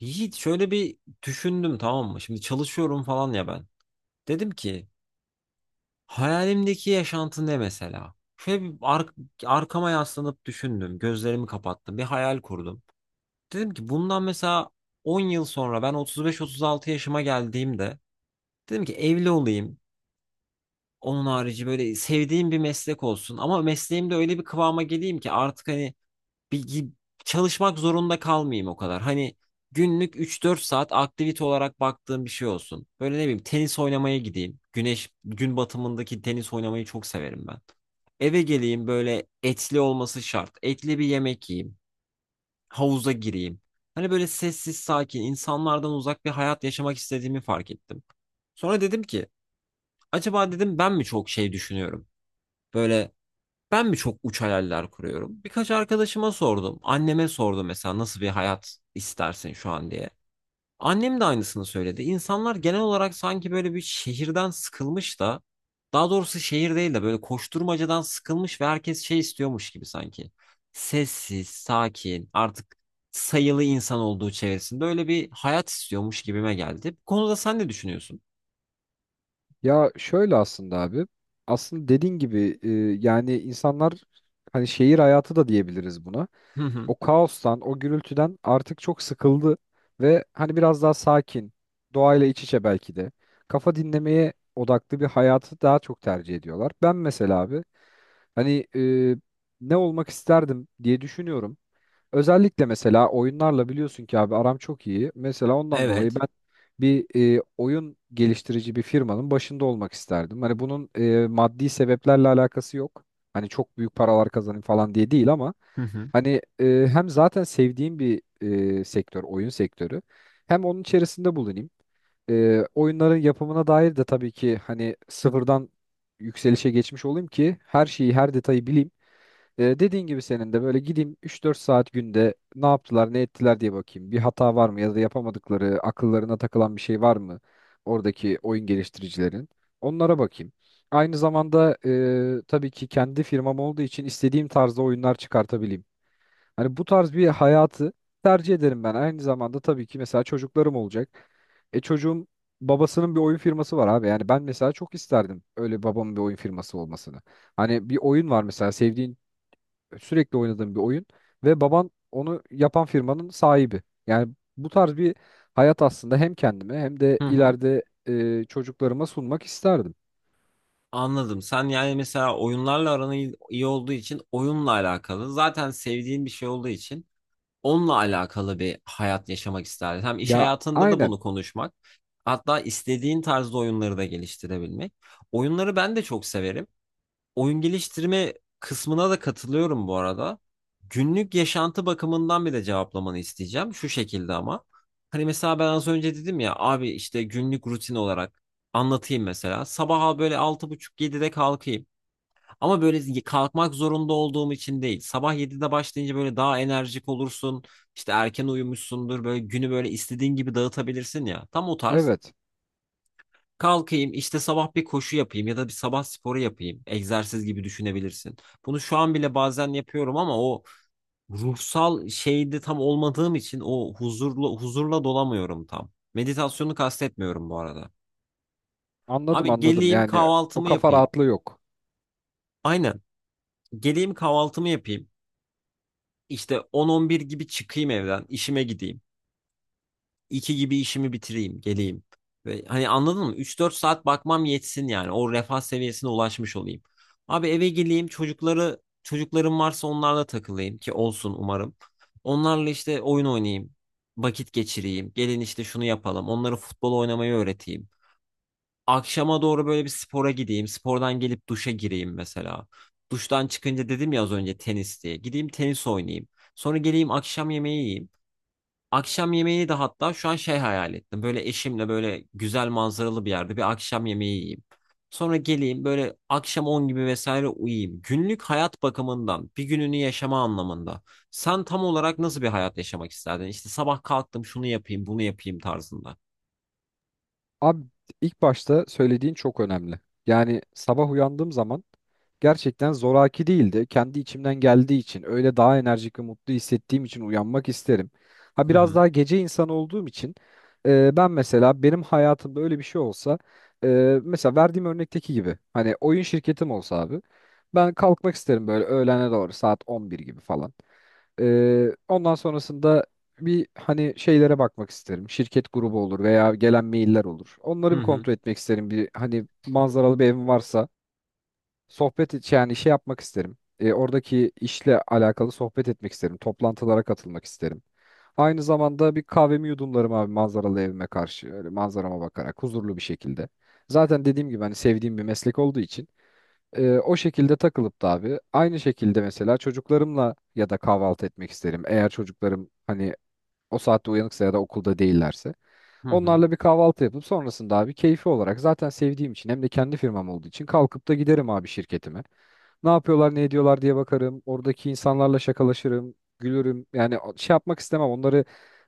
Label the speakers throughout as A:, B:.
A: Yiğit şöyle bir düşündüm, tamam mı? Şimdi çalışıyorum falan ya ben. Dedim ki hayalimdeki yaşantı ne mesela? Şöyle bir arkama yaslanıp düşündüm. Gözlerimi kapattım. Bir hayal kurdum. Dedim ki bundan mesela 10 yıl sonra ben 35-36 yaşıma geldiğimde dedim ki evli olayım. Onun harici böyle sevdiğim bir meslek olsun. Ama mesleğimde öyle bir kıvama geleyim ki artık hani bir çalışmak zorunda kalmayayım o kadar. Hani günlük 3-4 saat aktivite olarak baktığım bir şey olsun. Böyle ne bileyim tenis oynamaya gideyim. Güneş gün batımındaki tenis oynamayı çok severim ben. Eve geleyim, böyle etli olması şart. Etli bir yemek yiyeyim. Havuza gireyim. Hani böyle sessiz sakin insanlardan uzak bir hayat yaşamak istediğimi fark ettim. Sonra dedim ki acaba dedim ben mi çok şey düşünüyorum? Böyle ben mi çok uç hayaller kuruyorum? Birkaç arkadaşıma sordum. Anneme sordum mesela nasıl bir hayat istersin şu an diye. Annem de aynısını söyledi. İnsanlar genel olarak sanki böyle bir şehirden sıkılmış da, daha doğrusu şehir değil de böyle koşturmacadan sıkılmış ve herkes şey istiyormuş gibi sanki. Sessiz, sakin, artık sayılı insan olduğu çevresinde öyle bir hayat istiyormuş gibime geldi. Bu konuda sen ne düşünüyorsun?
B: Ya şöyle aslında abi. Aslında dediğin gibi yani insanlar hani şehir hayatı da diyebiliriz buna.
A: Hı hı.
B: O kaostan, o gürültüden artık çok sıkıldı ve hani biraz daha sakin, doğayla iç içe belki de kafa dinlemeye odaklı bir hayatı daha çok tercih ediyorlar. Ben mesela abi hani ne olmak isterdim diye düşünüyorum. Özellikle mesela oyunlarla biliyorsun ki abi aram çok iyi. Mesela ondan dolayı
A: Evet.
B: ben bir oyun geliştirici bir firmanın başında olmak isterdim. Hani bunun maddi sebeplerle alakası yok. Hani çok büyük paralar kazanayım falan diye değil ama
A: Hı hı.
B: hani hem zaten sevdiğim bir sektör, oyun sektörü. Hem onun içerisinde bulunayım. Oyunların yapımına dair de tabii ki hani sıfırdan yükselişe geçmiş olayım ki her şeyi, her detayı bileyim. Dediğin gibi senin de böyle gideyim 3-4 saat günde ne yaptılar ne ettiler diye bakayım. Bir hata var mı ya da yapamadıkları akıllarına takılan bir şey var mı oradaki oyun geliştiricilerin? Onlara bakayım. Aynı zamanda tabii ki kendi firmam olduğu için istediğim tarzda oyunlar çıkartabileyim. Hani bu tarz bir hayatı tercih ederim ben. Aynı zamanda tabii ki mesela çocuklarım olacak. E çocuğum babasının bir oyun firması var abi. Yani ben mesela çok isterdim öyle babamın bir oyun firması olmasını. Hani bir oyun var mesela sevdiğin sürekli oynadığım bir oyun ve baban onu yapan firmanın sahibi. Yani bu tarz bir hayat aslında hem kendime hem de
A: Hı hı.
B: ileride çocuklarıma sunmak isterdim.
A: Anladım. Sen yani mesela oyunlarla aran iyi iyi olduğu için oyunla alakalı. Zaten sevdiğin bir şey olduğu için onunla alakalı bir hayat yaşamak isterdin. Hem iş
B: Ya
A: hayatında da
B: aynen
A: bunu konuşmak. Hatta istediğin tarzda oyunları da geliştirebilmek. Oyunları ben de çok severim, oyun geliştirme kısmına da katılıyorum bu arada. Günlük yaşantı bakımından bir de cevaplamanı isteyeceğim. Şu şekilde ama. Hani mesela ben az önce dedim ya abi, işte günlük rutin olarak anlatayım mesela. Sabaha böyle 6.30-7'de kalkayım. Ama böyle kalkmak zorunda olduğum için değil. Sabah 7'de başlayınca böyle daha enerjik olursun. İşte erken uyumuşsundur. Böyle günü böyle istediğin gibi dağıtabilirsin ya. Tam o tarz.
B: evet,
A: Kalkayım işte sabah bir koşu yapayım ya da bir sabah sporu yapayım. Egzersiz gibi düşünebilirsin. Bunu şu an bile bazen yapıyorum ama o ruhsal şeyde tam olmadığım için o huzurlu huzurla dolamıyorum tam. Meditasyonu kastetmiyorum bu arada.
B: anladım
A: Abi
B: anladım
A: geleyim
B: yani o
A: kahvaltımı
B: kafa
A: yapayım.
B: rahatlığı yok.
A: Aynen. Geleyim kahvaltımı yapayım. İşte 10-11 gibi çıkayım evden, işime gideyim. 2 gibi işimi bitireyim, geleyim. Ve hani anladın mı? 3-4 saat bakmam yetsin yani. O refah seviyesine ulaşmış olayım. Abi eve geleyim, çocuklarım varsa onlarla takılayım ki olsun umarım. Onlarla işte oyun oynayayım, vakit geçireyim. Gelin işte şunu yapalım. Onlara futbol oynamayı öğreteyim. Akşama doğru böyle bir spora gideyim. Spordan gelip duşa gireyim mesela. Duştan çıkınca dedim ya az önce tenis diye. Gideyim tenis oynayayım. Sonra geleyim akşam yemeği yiyeyim. Akşam yemeğini de hatta şu an şey hayal ettim. Böyle eşimle böyle güzel manzaralı bir yerde bir akşam yemeği yiyeyim. Sonra geleyim böyle akşam 10 gibi vesaire uyuyayım. Günlük hayat bakımından bir gününü yaşama anlamında. Sen tam olarak nasıl bir hayat yaşamak isterdin? İşte sabah kalktım şunu yapayım bunu yapayım tarzında.
B: Abi ilk başta söylediğin çok önemli. Yani sabah uyandığım zaman gerçekten zoraki değildi. Kendi içimden geldiği için öyle daha enerjik ve mutlu hissettiğim için uyanmak isterim. Ha
A: Hı
B: biraz
A: hı.
B: daha gece insanı olduğum için ben mesela benim hayatımda öyle bir şey olsa e, mesela verdiğim örnekteki gibi hani oyun şirketim olsa abi ben kalkmak isterim böyle öğlene doğru saat 11 gibi falan. Ondan sonrasında bir hani şeylere bakmak isterim. Şirket grubu olur veya gelen mailler olur. Onları
A: Hı
B: bir
A: hı.
B: kontrol etmek isterim. Bir hani manzaralı bir evim varsa yani şey yapmak isterim. Oradaki işle alakalı sohbet etmek isterim. Toplantılara katılmak isterim. Aynı zamanda bir kahvemi yudumlarım abi manzaralı evime karşı. Öyle manzarama bakarak huzurlu bir şekilde. Zaten dediğim gibi hani sevdiğim bir meslek olduğu için o şekilde takılıp da abi aynı şekilde mesela çocuklarımla ya da kahvaltı etmek isterim. Eğer çocuklarım hani o saatte uyanıksa ya da okulda değillerse.
A: Hı hı.
B: Onlarla bir kahvaltı yapıp sonrasında abi keyfi olarak zaten sevdiğim için hem de kendi firmam olduğu için kalkıp da giderim abi şirketime. Ne yapıyorlar ne ediyorlar diye bakarım. Oradaki insanlarla şakalaşırım, gülürüm. Yani şey yapmak istemem onları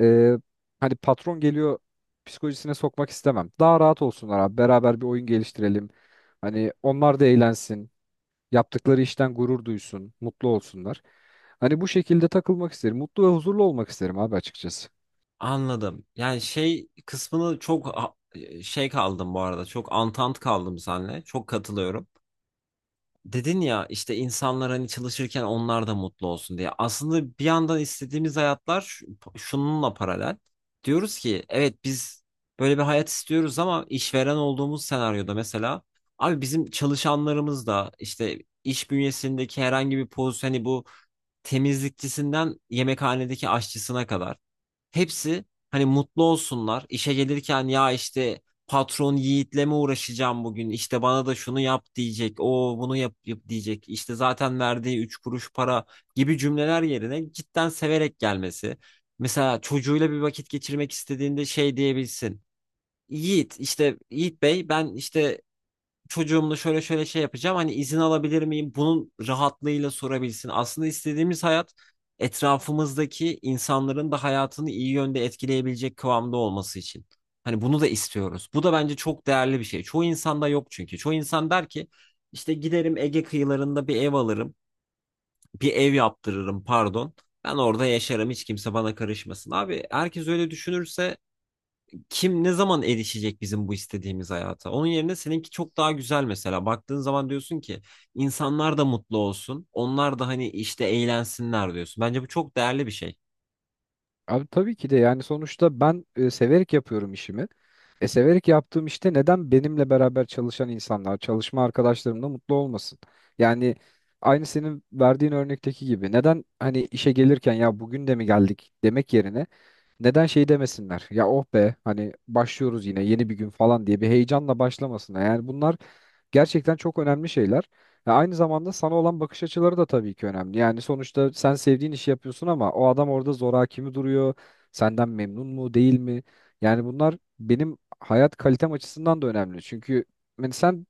B: e, hani patron geliyor psikolojisine sokmak istemem. Daha rahat olsunlar abi beraber bir oyun geliştirelim. Hani onlar da eğlensin. Yaptıkları işten gurur duysun, mutlu olsunlar. Hani bu şekilde takılmak isterim. Mutlu ve huzurlu olmak isterim abi açıkçası.
A: Anladım. Yani şey kısmını çok şey kaldım bu arada. Çok antant kaldım seninle. Çok katılıyorum. Dedin ya işte insanlar hani çalışırken onlar da mutlu olsun diye. Aslında bir yandan istediğimiz hayatlar şununla paralel. Diyoruz ki evet biz böyle bir hayat istiyoruz ama işveren olduğumuz senaryoda mesela abi bizim çalışanlarımız da işte iş bünyesindeki herhangi bir pozisyon hani, bu temizlikçisinden yemekhanedeki aşçısına kadar hepsi hani mutlu olsunlar. İşe gelirken ya işte patron Yiğit'le mi uğraşacağım bugün? İşte bana da şunu yap diyecek. O bunu yap, yap diyecek. İşte zaten verdiği üç kuruş para gibi cümleler yerine cidden severek gelmesi. Mesela çocuğuyla bir vakit geçirmek istediğinde şey diyebilsin. Yiğit işte, Yiğit Bey ben işte çocuğumla şöyle şöyle şey yapacağım. Hani izin alabilir miyim? Bunun rahatlığıyla sorabilsin. Aslında istediğimiz hayat etrafımızdaki insanların da hayatını iyi yönde etkileyebilecek kıvamda olması için. Hani bunu da istiyoruz. Bu da bence çok değerli bir şey. Çoğu insanda yok çünkü. Çoğu insan der ki işte giderim Ege kıyılarında bir ev alırım. Bir ev yaptırırım pardon. Ben orada yaşarım, hiç kimse bana karışmasın. Abi herkes öyle düşünürse kim ne zaman erişecek bizim bu istediğimiz hayata? Onun yerine seninki çok daha güzel mesela. Baktığın zaman diyorsun ki insanlar da mutlu olsun. Onlar da hani işte eğlensinler diyorsun. Bence bu çok değerli bir şey.
B: Abi tabii ki de yani sonuçta ben severek yapıyorum işimi. E severek yaptığım işte neden benimle beraber çalışan insanlar, çalışma arkadaşlarım da mutlu olmasın? Yani aynı senin verdiğin örnekteki gibi neden hani işe gelirken ya bugün de mi geldik demek yerine neden şey demesinler? Ya oh be hani başlıyoruz yine yeni bir gün falan diye bir heyecanla başlamasınlar. Yani bunlar gerçekten çok önemli şeyler. Ve aynı zamanda sana olan bakış açıları da tabii ki önemli. Yani sonuçta sen sevdiğin işi yapıyorsun ama o adam orada zoraki mi duruyor? Senden memnun mu değil mi? Yani bunlar benim hayat kalitem açısından da önemli. Çünkü yani sen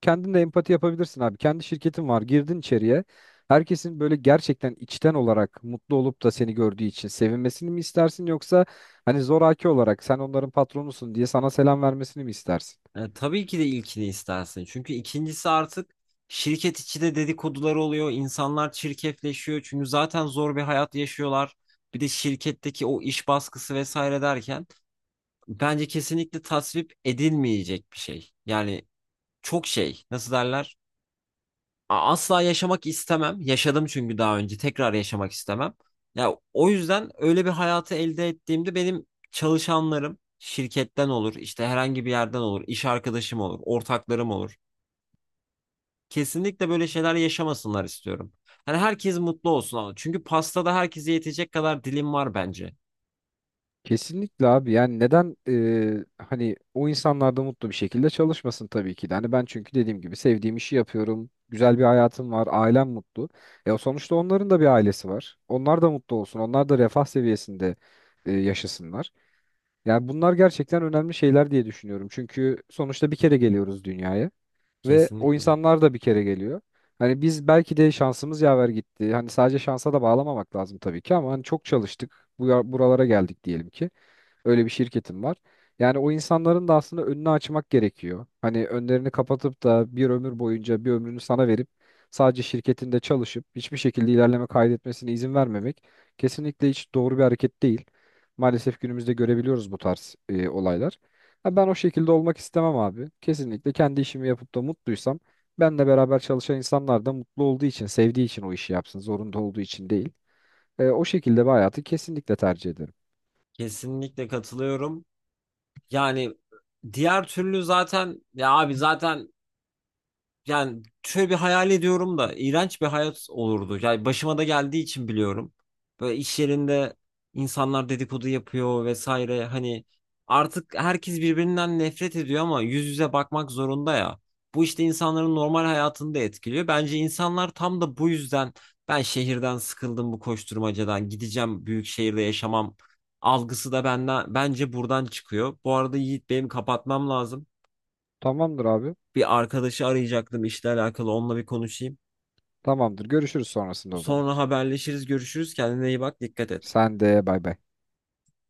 B: kendin de empati yapabilirsin abi. Kendi şirketin var. Girdin içeriye. Herkesin böyle gerçekten içten olarak mutlu olup da seni gördüğü için sevinmesini mi istersin yoksa hani zoraki olarak sen onların patronusun diye sana selam vermesini mi istersin?
A: E, tabii ki de ilkini istersin. Çünkü ikincisi artık şirket içi de dedikodular oluyor. İnsanlar çirkefleşiyor. Çünkü zaten zor bir hayat yaşıyorlar. Bir de şirketteki o iş baskısı vesaire derken bence kesinlikle tasvip edilmeyecek bir şey. Yani çok şey nasıl derler? Asla yaşamak istemem. Yaşadım çünkü daha önce. Tekrar yaşamak istemem. Ya o yüzden öyle bir hayatı elde ettiğimde benim çalışanlarım şirketten olur, işte herhangi bir yerden olur, iş arkadaşım olur, ortaklarım olur. Kesinlikle böyle şeyler yaşamasınlar istiyorum. Hani herkes mutlu olsun ama, çünkü pastada herkese yetecek kadar dilim var bence.
B: Kesinlikle abi yani neden hani o insanlar da mutlu bir şekilde çalışmasın tabii ki de. Hani ben çünkü dediğim gibi sevdiğim işi yapıyorum. Güzel bir hayatım var, ailem mutlu. E o sonuçta onların da bir ailesi var. Onlar da mutlu olsun. Onlar da refah seviyesinde yaşasınlar. Yani bunlar gerçekten önemli şeyler diye düşünüyorum. Çünkü sonuçta bir kere geliyoruz dünyaya ve o
A: Kesinlikle.
B: insanlar da bir kere geliyor. Hani biz belki de şansımız yaver gitti. Hani sadece şansa da bağlamamak lazım tabii ki ama hani çok çalıştık. Buralara geldik diyelim ki. Öyle bir şirketim var. Yani o insanların da aslında önünü açmak gerekiyor. Hani önlerini kapatıp da bir ömür boyunca bir ömrünü sana verip sadece şirketinde çalışıp hiçbir şekilde ilerleme kaydetmesine izin vermemek kesinlikle hiç doğru bir hareket değil. Maalesef günümüzde görebiliyoruz bu tarz olaylar. Ha, ben o şekilde olmak istemem abi. Kesinlikle kendi işimi yapıp da mutluysam benle beraber çalışan insanlar da mutlu olduğu için, sevdiği için o işi yapsın, zorunda olduğu için değil. O şekilde bir hayatı kesinlikle tercih ederim.
A: Kesinlikle katılıyorum. Yani diğer türlü zaten, ya abi zaten, yani şöyle bir hayal ediyorum da iğrenç bir hayat olurdu. Yani başıma da geldiği için biliyorum. Böyle iş yerinde insanlar dedikodu yapıyor vesaire. Hani artık herkes birbirinden nefret ediyor ama yüz yüze bakmak zorunda ya. Bu işte insanların normal hayatını da etkiliyor. Bence insanlar tam da bu yüzden ben şehirden sıkıldım bu koşturmacadan gideceğim büyük şehirde yaşamam algısı da benden bence buradan çıkıyor. Bu arada Yiğit benim kapatmam lazım.
B: Tamamdır abi.
A: Bir arkadaşı arayacaktım işle alakalı, onunla bir konuşayım.
B: Tamamdır. Görüşürüz sonrasında o zaman.
A: Sonra haberleşiriz, görüşürüz. Kendine iyi bak, dikkat et.
B: Sen de bay bay.